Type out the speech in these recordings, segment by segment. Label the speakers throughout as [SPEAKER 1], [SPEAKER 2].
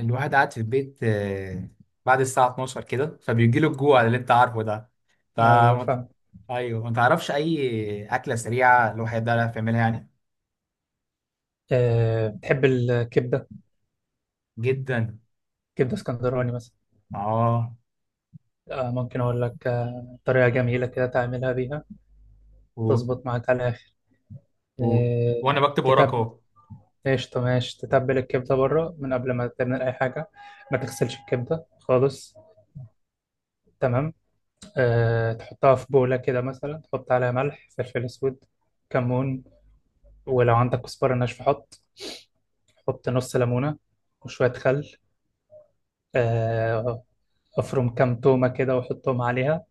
[SPEAKER 1] الواحد قاعد في البيت آه، بعد الساعة 12 كده فبيجي له الجوع اللي انت عارفه ده. ف
[SPEAKER 2] ايوه فاهم.
[SPEAKER 1] ايوه، ما تعرفش اي أكلة سريعة الواحد ده يعرف يعملها يعني.
[SPEAKER 2] أه بتحب الكبده؟
[SPEAKER 1] جدا.
[SPEAKER 2] كبده اسكندراني مثلا.
[SPEAKER 1] اه.
[SPEAKER 2] أه ممكن اقول لك طريقه جميله كده تعملها بيها.
[SPEAKER 1] و...
[SPEAKER 2] تظبط معاك على الاخر.
[SPEAKER 1] و...
[SPEAKER 2] أه
[SPEAKER 1] وانا بكتب وراك
[SPEAKER 2] تتبل.
[SPEAKER 1] اهو.
[SPEAKER 2] قشطه ماشي، تتبل الكبده بره من قبل ما تعمل اي حاجه. ما تغسلش الكبده خالص. تمام. أه تحطها في بوله كده، مثلا تحط عليها ملح، فلفل اسود، كمون، ولو عندك كزبره ناشفه حط. حط نص ليمونه وشويه خل. أه، افرم كام تومه كده وحطهم عليها،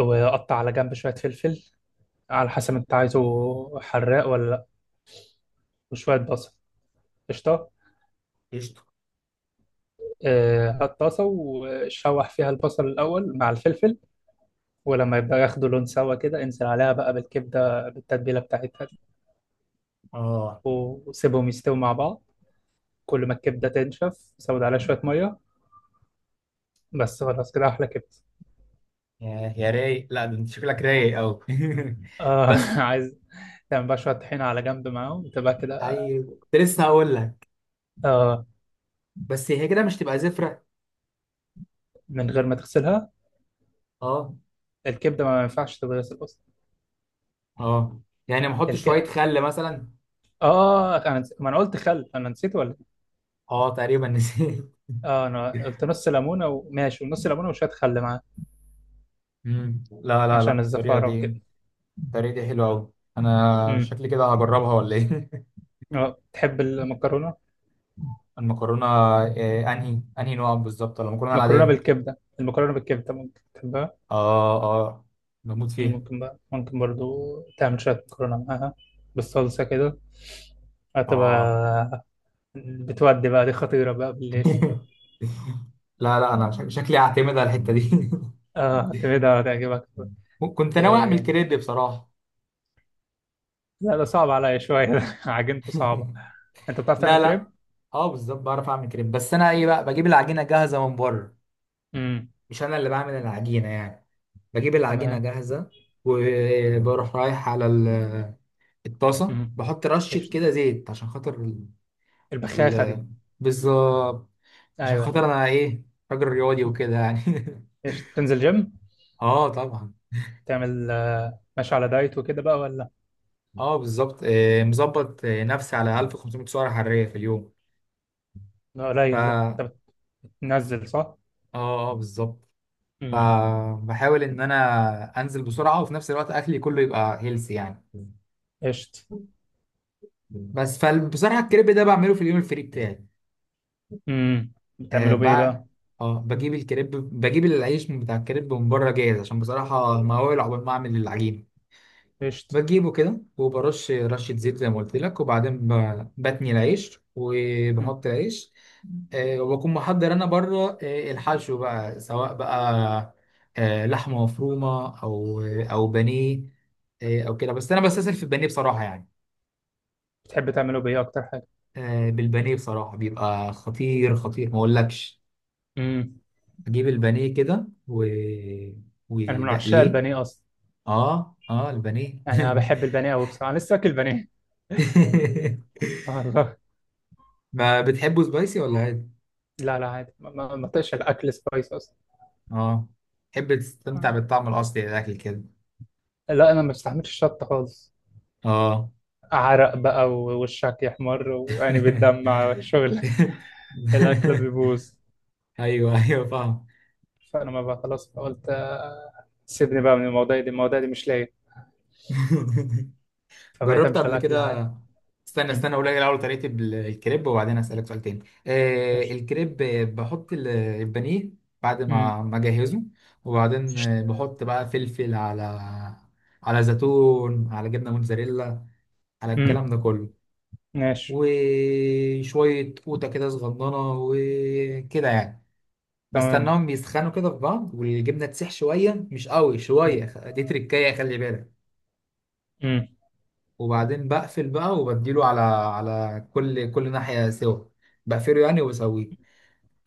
[SPEAKER 2] وقطع على جنب شوية فلفل على حسب انت عايزه حراق ولا لا، وشوية بصل. قشطة.
[SPEAKER 1] قشطة.
[SPEAKER 2] هات طاسة وشوح فيها البصل الأول مع الفلفل، ولما يبدأ ياخدوا لون سوا كده انزل عليها بقى بالكبدة بالتتبيلة بتاعتها دي،
[SPEAKER 1] اه.
[SPEAKER 2] وسيبهم يستووا مع بعض. كل ما الكبدة تنشف زود عليها شوية مية. بس خلاص كده أحلى كبدة.
[SPEAKER 1] يا رايق، لا ده انت شكلك رايق قوي.
[SPEAKER 2] آه
[SPEAKER 1] بس.
[SPEAKER 2] عايز تعمل بقى شوية طحينة على جنب معاهم، تبقى كده.
[SPEAKER 1] ايوه كنت لسه هقول لك،
[SPEAKER 2] آه
[SPEAKER 1] بس هي كده مش تبقى زفرة؟
[SPEAKER 2] من غير ما تغسلها.
[SPEAKER 1] اه.
[SPEAKER 2] الكبدة ما ينفعش تتغسل أصلا.
[SPEAKER 1] اه يعني ما احط شوية
[SPEAKER 2] الك...
[SPEAKER 1] خل مثلا؟
[SPEAKER 2] اه انا نسيت، ما انا قلت خل، انا نسيت ولا إيه؟
[SPEAKER 1] اه تقريبا نسيت.
[SPEAKER 2] اه انا قلت نص ليمونه وماشي ونص ليمونه وشويه خل معاه،
[SPEAKER 1] لا لا،
[SPEAKER 2] عشان
[SPEAKER 1] الطريقة
[SPEAKER 2] الزفاره
[SPEAKER 1] دي،
[SPEAKER 2] وكده.
[SPEAKER 1] الطريقة دي حلوة أوي. أنا
[SPEAKER 2] امم
[SPEAKER 1] شكلي كده هجربها، ولا إيه؟
[SPEAKER 2] اه، تحب المكرونه؟
[SPEAKER 1] المكرونة آه، أنهي نوع بالظبط؟ ولا المكرونة
[SPEAKER 2] مكرونه
[SPEAKER 1] العادية؟
[SPEAKER 2] بالكبده، المكرونه بالكبده ممكن تحبها.
[SPEAKER 1] آه آه، بموت فيها.
[SPEAKER 2] ممكن بقى، ممكن برضو تعمل شويه مكرونه معاها بالصلصه كده.
[SPEAKER 1] آه.
[SPEAKER 2] هتبقى، بتودي بقى، دي خطيره بقى بالليل.
[SPEAKER 1] لا لا أنا شكلي هعتمد على الحتة دي.
[SPEAKER 2] اه كده هتعجبك.
[SPEAKER 1] كنت ناوي أعمل
[SPEAKER 2] آه.
[SPEAKER 1] كريب بصراحة.
[SPEAKER 2] لا ده صعب عليا شويه عجنته صعبه. انت بتعرف تعمل
[SPEAKER 1] لا لا.
[SPEAKER 2] كريب؟
[SPEAKER 1] اه بالظبط بعرف اعمل كريب، بس انا ايه بقى، بجيب العجينه جاهزه من بره.
[SPEAKER 2] امم.
[SPEAKER 1] مش انا اللي بعمل العجينه يعني، بجيب العجينه
[SPEAKER 2] تمام.
[SPEAKER 1] جاهزه. وبروح رايح على الطاسه،
[SPEAKER 2] امم.
[SPEAKER 1] بحط رشه
[SPEAKER 2] قشطة.
[SPEAKER 1] كده زيت عشان خاطر
[SPEAKER 2] البخاخة دي.
[SPEAKER 1] ال- بالظبط، عشان خاطر
[SPEAKER 2] ايوه.
[SPEAKER 1] انا ايه، راجل رياضي وكده يعني.
[SPEAKER 2] ايش تنزل جيم؟
[SPEAKER 1] اه طبعا.
[SPEAKER 2] تعمل ماشي على دايت وكده بقى ولا؟
[SPEAKER 1] اه بالظبط آه، مظبط آه، نفسي على 1500 سعره حراريه في اليوم.
[SPEAKER 2] لا قليل، لا
[SPEAKER 1] اه.
[SPEAKER 2] انت بتنزل صح.
[SPEAKER 1] اه بالظبط.
[SPEAKER 2] امم.
[SPEAKER 1] فبحاول ان انا انزل بسرعه، وفي نفس الوقت اكلي كله يبقى هيلثي يعني.
[SPEAKER 2] قشط.
[SPEAKER 1] بس فبصراحه الكريب ده بعمله في اليوم الفري بتاعي.
[SPEAKER 2] امم.
[SPEAKER 1] آه
[SPEAKER 2] بتعملوا بايه
[SPEAKER 1] بع...
[SPEAKER 2] بقى؟
[SPEAKER 1] اه بجيب الكريب، بجيب العيش من بتاع الكريب من بره جاهز، عشان بصراحه مهوول عقبال ما اعمل العجينه.
[SPEAKER 2] قشط.
[SPEAKER 1] بجيبه كده وبرش رشة زيت زي ما قلت لك، وبعدين بتني العيش
[SPEAKER 2] مم.
[SPEAKER 1] وبحط العيش. آه، وبكون محضر أنا بره آه، الحشو بقى، سواء بقى آه، لحمة مفرومة، أو آه، أو بانيه آه، أو كده. بس أنا بستسهل في البانيه بصراحة يعني.
[SPEAKER 2] بتحب تعملوا بايه اكتر حاجة؟
[SPEAKER 1] آه، بالبانيه بصراحة بيبقى خطير، خطير ما أقولكش.
[SPEAKER 2] امم.
[SPEAKER 1] بجيب البانيه كده
[SPEAKER 2] انا من عشاق
[SPEAKER 1] وبقليه.
[SPEAKER 2] البانيه اصلا.
[SPEAKER 1] اه اه البانيه.
[SPEAKER 2] انا بحب البانيه قوي بصراحة، انا لسه اكل بانيه. والله.
[SPEAKER 1] ما بتحبه سبايسي ولا عادي؟
[SPEAKER 2] لا لا عادي، ما طقش الاكل سبايس اصلا.
[SPEAKER 1] اه تحب تستمتع
[SPEAKER 2] مم.
[SPEAKER 1] بالطعم الأصلي للأكل كده.
[SPEAKER 2] لا انا ما بستحملش الشطة خالص.
[SPEAKER 1] اه.
[SPEAKER 2] عرق بقى ووشك يحمر ويعني بتدمع، شغل الاكل بيبوظ.
[SPEAKER 1] ايوه ايوه فاهم.
[SPEAKER 2] فانا ما بقى خلاص، فقلت سيبني بقى من المواضيع دي، المواضيع دي مش لاقي. فبقيت
[SPEAKER 1] جربت
[SPEAKER 2] امشي
[SPEAKER 1] قبل
[SPEAKER 2] على الاكل العادي.
[SPEAKER 1] كده. استنى
[SPEAKER 2] مم.
[SPEAKER 1] أقول لك الأول طريقة الكريب، وبعدين أسألك سؤال تاني. آه
[SPEAKER 2] قشطة.
[SPEAKER 1] الكريب آه، بحط البانيه بعد
[SPEAKER 2] مم.
[SPEAKER 1] ما أجهزه، وبعدين آه،
[SPEAKER 2] قشطة.
[SPEAKER 1] بحط بقى فلفل على، على زيتون، على جبنة موتزاريلا، على الكلام
[SPEAKER 2] مم.
[SPEAKER 1] ده كله.
[SPEAKER 2] ماشي.
[SPEAKER 1] وشوية قوطة كده صغننة وكده يعني.
[SPEAKER 2] تمام.
[SPEAKER 1] بستناهم بيسخنوا كده في بعض، والجبنة تسيح شوية، مش قوي
[SPEAKER 2] مم.
[SPEAKER 1] شوية. دي تركاية خلي بالك.
[SPEAKER 2] مم.
[SPEAKER 1] وبعدين بقفل بقى وبديله على، على كل ناحية سوا، بقفله يعني وبسويه.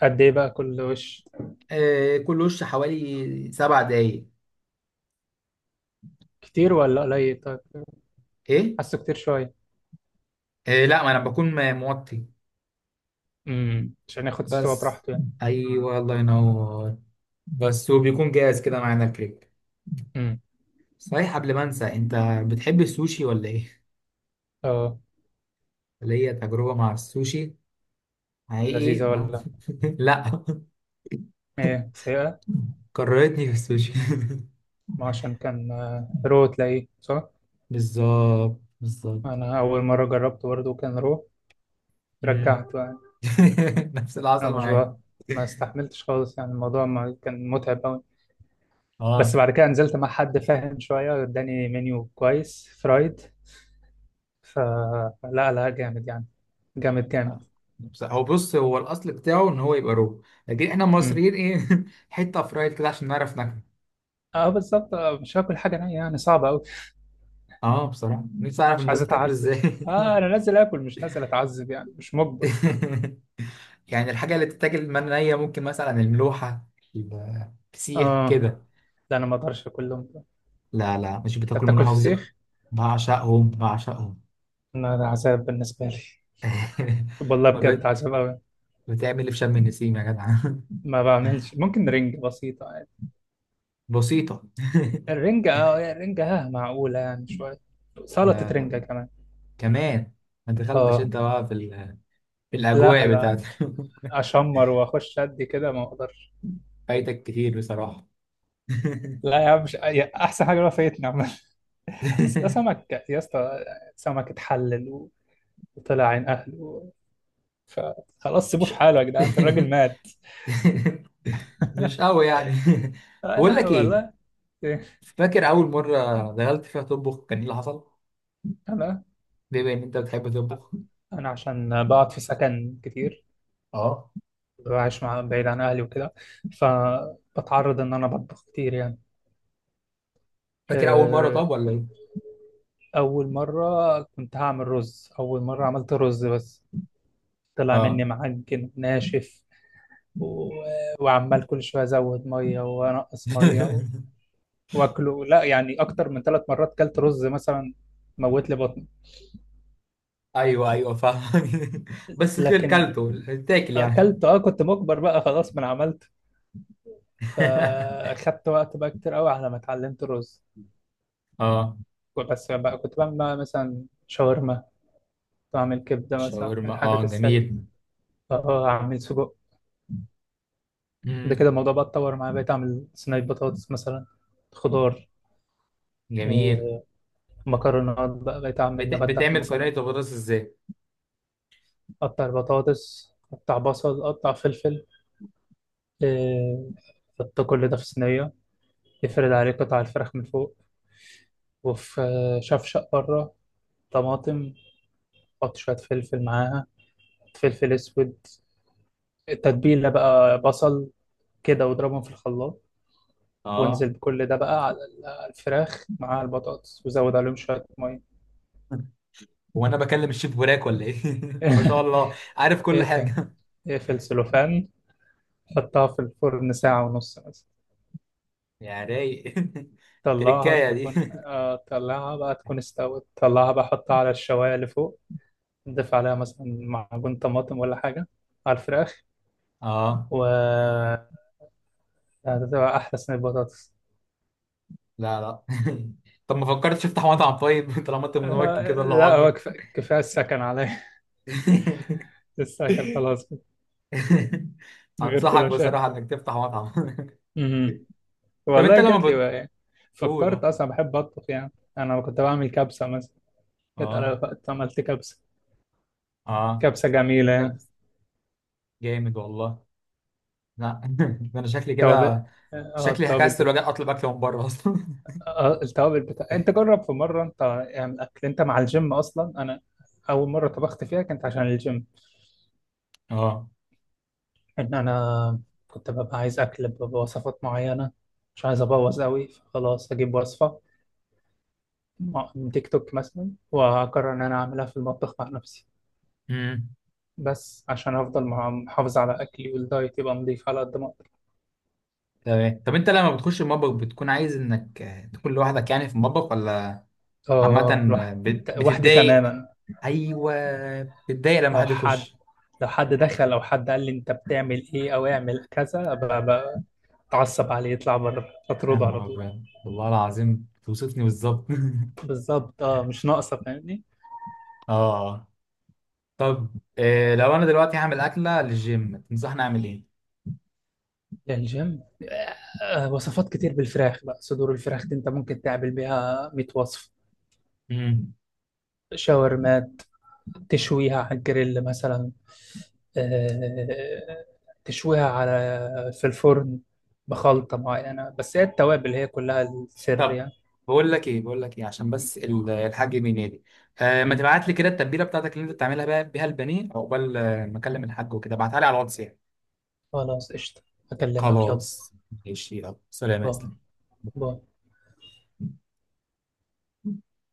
[SPEAKER 2] قد ايه بقى كل وش؟
[SPEAKER 1] آه كل وش حوالي 7 دقايق.
[SPEAKER 2] كتير ولا قليل طيب؟
[SPEAKER 1] ايه؟
[SPEAKER 2] حاسه كتير شويه.
[SPEAKER 1] آه لا ما انا بكون موطي
[SPEAKER 2] مم. عشان ياخد سوا
[SPEAKER 1] بس.
[SPEAKER 2] براحته يعني.
[SPEAKER 1] ايوه الله ينور. بس وبيكون جاهز كده معانا الكريب.
[SPEAKER 2] مم.
[SPEAKER 1] صحيح قبل ما انسى، انت بتحب السوشي ولا ايه؟
[SPEAKER 2] اه.
[SPEAKER 1] ليا تجربة مع السوشي حقيقي.
[SPEAKER 2] لذيذه ولا؟
[SPEAKER 1] لا،
[SPEAKER 2] ايه سيئه؟
[SPEAKER 1] كرهتني في السوشي.
[SPEAKER 2] ما عشان كان رو، تلاقيه صح.
[SPEAKER 1] بالظبط بالظبط.
[SPEAKER 2] انا اول مره جربته برضه كان رو،
[SPEAKER 1] مم.
[SPEAKER 2] رجعته يعني.
[SPEAKER 1] نفس اللي
[SPEAKER 2] انا
[SPEAKER 1] حصل
[SPEAKER 2] مش
[SPEAKER 1] معايا.
[SPEAKER 2] بقى، ما استحملتش خالص يعني، الموضوع ما كان متعب أوي. بس
[SPEAKER 1] اه
[SPEAKER 2] بعد كده نزلت مع حد فاهم شوية، اداني منيو كويس فرايد، فلا لا لا، جامد يعني، جامد جامد.
[SPEAKER 1] هو بص، هو الاصل بتاعه ان هو يبقى رو، لكن احنا
[SPEAKER 2] امم.
[SPEAKER 1] المصريين ايه حته فرايد كده عشان نعرف ناكله.
[SPEAKER 2] اه بالظبط، مش هاكل حاجة نية يعني، صعبة أوي.
[SPEAKER 1] اه بصراحه نفسي اعرف
[SPEAKER 2] مش عايز
[SPEAKER 1] الناس بتاكله
[SPEAKER 2] أتعذب.
[SPEAKER 1] ازاي.
[SPEAKER 2] اه أنا نازل آكل مش نازل أتعذب يعني، مش مجبر.
[SPEAKER 1] يعني الحاجه اللي بتتاكل من نيه، ممكن مثلا الملوحه، الفسيخ
[SPEAKER 2] اه
[SPEAKER 1] كده.
[SPEAKER 2] لا أنا ما أقدرش أكلهم.
[SPEAKER 1] لا لا، مش
[SPEAKER 2] أنت
[SPEAKER 1] بتاكل من
[SPEAKER 2] بتاكل
[SPEAKER 1] حافظك.
[SPEAKER 2] فسيخ؟
[SPEAKER 1] بعشقهم بعشقهم.
[SPEAKER 2] أنا ده عذاب بالنسبة لي. والله
[SPEAKER 1] أمال
[SPEAKER 2] بجد عذاب أوي.
[SPEAKER 1] بتعمل إيه في شم النسيم يا جدع؟
[SPEAKER 2] ما بعملش، ممكن رنج بسيطة يعني.
[SPEAKER 1] بسيطة.
[SPEAKER 2] الرنجة اه، الرنجة ها معقولة يعني شوية. سلطة
[SPEAKER 1] لا
[SPEAKER 2] رنجة
[SPEAKER 1] لا
[SPEAKER 2] كمان
[SPEAKER 1] كمان. ما دخلتش
[SPEAKER 2] اه.
[SPEAKER 1] انت بقى في، في
[SPEAKER 2] لا
[SPEAKER 1] الأجواء
[SPEAKER 2] لا.
[SPEAKER 1] بتاعت.
[SPEAKER 2] اشمر واخش ادي كده، ما اقدرش.
[SPEAKER 1] فايتك كتير بصراحة.
[SPEAKER 2] لا يا عم، مش يا- احسن حاجه بقى فايتني عامه. بس ده سمك يا اسطى، سمك اتحلل وطلع عين اهله، فخلاص سيبوه
[SPEAKER 1] مش
[SPEAKER 2] في حاله يا جدعان، الراجل مات.
[SPEAKER 1] قوي يعني. بقول
[SPEAKER 2] لا
[SPEAKER 1] لك
[SPEAKER 2] والله
[SPEAKER 1] ايه،
[SPEAKER 2] إيه،
[SPEAKER 1] فاكر أول مرة دخلت فيها تطبخ كان ايه اللي حصل؟
[SPEAKER 2] انا
[SPEAKER 1] بما إن أنت بتحب تطبخ.
[SPEAKER 2] انا عشان بقعد في سكن كتير،
[SPEAKER 1] اه
[SPEAKER 2] وعايش مع، بعيد عن اهلي وكده، فبتعرض ان انا بطبخ كتير يعني.
[SPEAKER 1] فاكر أول مرة
[SPEAKER 2] آه،
[SPEAKER 1] طب ولا
[SPEAKER 2] اول مره، كنت هعمل رز، اول مره عملت رز بس طلع
[SPEAKER 1] ايه؟
[SPEAKER 2] مني معجن ناشف و... وعمال كل شويه ازود ميه وانقص ميه واكله، لا يعني اكتر من ثلاث مرات كلت رز مثلا، موت لي بطني.
[SPEAKER 1] ايوه ايوه فاهم. بس كل
[SPEAKER 2] لكن
[SPEAKER 1] كلته، تاكل
[SPEAKER 2] اكلت،
[SPEAKER 1] يعني.
[SPEAKER 2] اه كنت مجبر بقى خلاص، ما أنا عملت. فاخدت وقت بقى كتير قوي على ما اتعلمت الرز.
[SPEAKER 1] اه.
[SPEAKER 2] بس بقى كنت بعمل بقى مثلا شاورما، كنت بعمل كبده مثلا،
[SPEAKER 1] شاورما،
[SPEAKER 2] الحاجات
[SPEAKER 1] اه جميل.
[SPEAKER 2] السهله. اه اعمل سجق. ده
[SPEAKER 1] مم.
[SPEAKER 2] كده الموضوع بقى اتطور معايا، بقيت اعمل صينيه بطاطس مثلا، خضار،
[SPEAKER 1] جميل.
[SPEAKER 2] آه، مكرونات بقى، بقيت اعمل ابدع في
[SPEAKER 1] بتعمل صينيه
[SPEAKER 2] المكرونات.
[SPEAKER 1] البطاطس ازاي؟
[SPEAKER 2] قطع البطاطس، قطع بصل، قطع فلفل، إيه، حط كل ده في صينية، افرد عليه قطع الفراخ من فوق. وفي شفشق بره، طماطم، حط شوية فلفل معاها، فلفل أسود، التتبيلة بقى، بصل، كده، واضربهم في الخلاط.
[SPEAKER 1] اه
[SPEAKER 2] وانزل بكل ده بقى على على الفراخ مع البطاطس وزود عليهم شوية مية.
[SPEAKER 1] وانا بكلم الشيف براك ولا ايه؟ طب ما شاء الله عارف كل
[SPEAKER 2] اقفل،
[SPEAKER 1] حاجه.
[SPEAKER 2] اقفل سلوفان، حطها في الفرن ساعة ونص مثلا.
[SPEAKER 1] يا رايق.
[SPEAKER 2] طلعها
[SPEAKER 1] تركايه دي.
[SPEAKER 2] تكون آه، طلعها بقى تكون استوت، طلعها بقى حطها على الشواية اللي فوق. ضيف عليها مثلا معجون طماطم ولا حاجة على الفراخ،
[SPEAKER 1] اه
[SPEAKER 2] و هتبقى أحلى صينية بطاطس.
[SPEAKER 1] لا لا. طب ما فكرتش تفتح مطعم طيب؟ طالما انت متمكن كده الله
[SPEAKER 2] لا هو
[SPEAKER 1] اكبر.
[SPEAKER 2] كفاية السكن عليا السكن خلاص كده. غير
[SPEAKER 1] انصحك
[SPEAKER 2] كده مش قادر.
[SPEAKER 1] بصراحه انك تفتح مطعم.
[SPEAKER 2] مهم.
[SPEAKER 1] طب انت
[SPEAKER 2] والله
[SPEAKER 1] لما
[SPEAKER 2] جات لي بقى يعني،
[SPEAKER 1] بتقول
[SPEAKER 2] فكرت
[SPEAKER 1] اه.
[SPEAKER 2] أصلا، بحب أطبخ يعني. أنا كنت بعمل كبسة مثلا، جت على
[SPEAKER 1] اه
[SPEAKER 2] وقت عملت كبسة،
[SPEAKER 1] اه.
[SPEAKER 2] كبسة جميلة
[SPEAKER 1] جاب-
[SPEAKER 2] يعني.
[SPEAKER 1] جامد والله. لا ده انا شكلي
[SPEAKER 2] توابل.
[SPEAKER 1] كده،
[SPEAKER 2] اه
[SPEAKER 1] شكلي هكسر واجي اطلب اكل من بره اصلا.
[SPEAKER 2] التوابل بتاع، انت جرب في مره انت اعمل اكل انت مع الجيم. اصلا انا اول مره طبخت فيها كانت عشان الجيم،
[SPEAKER 1] اه.
[SPEAKER 2] ان انا كنت ببقى عايز اكل بوصفات معينه، مش عايز ابوظ قوي، فخلاص اجيب وصفه من تيك توك مثلا، واقرر ان انا اعملها في المطبخ مع نفسي،
[SPEAKER 1] امم.
[SPEAKER 2] بس عشان افضل محافظ على اكلي، والدايت يبقى نضيف على قد ما اقدر.
[SPEAKER 1] تمام. طب انت لما بتخش المطبخ بتكون عايز انك آه، تكون لوحدك يعني في المطبخ، ولا
[SPEAKER 2] اه
[SPEAKER 1] عامة آه،
[SPEAKER 2] وحدي
[SPEAKER 1] بتتضايق؟
[SPEAKER 2] تماما.
[SPEAKER 1] ايوه بتتضايق لما
[SPEAKER 2] لو
[SPEAKER 1] حد
[SPEAKER 2] حد،
[SPEAKER 1] يخش.
[SPEAKER 2] لو حد دخل او حد قال لي انت بتعمل ايه او اعمل كذا، تعصب عليه، يطلع بره،
[SPEAKER 1] يا
[SPEAKER 2] تطرده على
[SPEAKER 1] نهار
[SPEAKER 2] طول.
[SPEAKER 1] ابيض، والله العظيم توصفني بالظبط.
[SPEAKER 2] بالظبط، اه مش ناقصه فاهمني.
[SPEAKER 1] اه. طب آه، لو انا دلوقتي هعمل اكله للجيم تنصحني اعمل
[SPEAKER 2] يا الجيم، وصفات كتير بالفراخ بقى، صدور الفراخ دي انت ممكن تعمل بيها 100 وصف.
[SPEAKER 1] ايه؟
[SPEAKER 2] شاورمات، تشويها على الجريل مثلا، آه، تشويها على، في الفرن، بخلطة معينة، بس هي التوابل هي كلها السر
[SPEAKER 1] طب
[SPEAKER 2] يعني.
[SPEAKER 1] بقول لك ايه، بقول لك ايه، عشان
[SPEAKER 2] م-
[SPEAKER 1] بس الحاج بينادي. آه ما
[SPEAKER 2] م.
[SPEAKER 1] تبعت لي كده التتبيله بتاعتك اللي انت بتعملها بقى بيها البانيه، عقبال آه، ما اكلم الحاج وكده، ابعتها لي على الواتس يعني.
[SPEAKER 2] خلاص قشطة، أكلمك يلا.
[SPEAKER 1] خلاص. ماشي يلا سلام يا
[SPEAKER 2] باي. باي.
[SPEAKER 1] اسلام.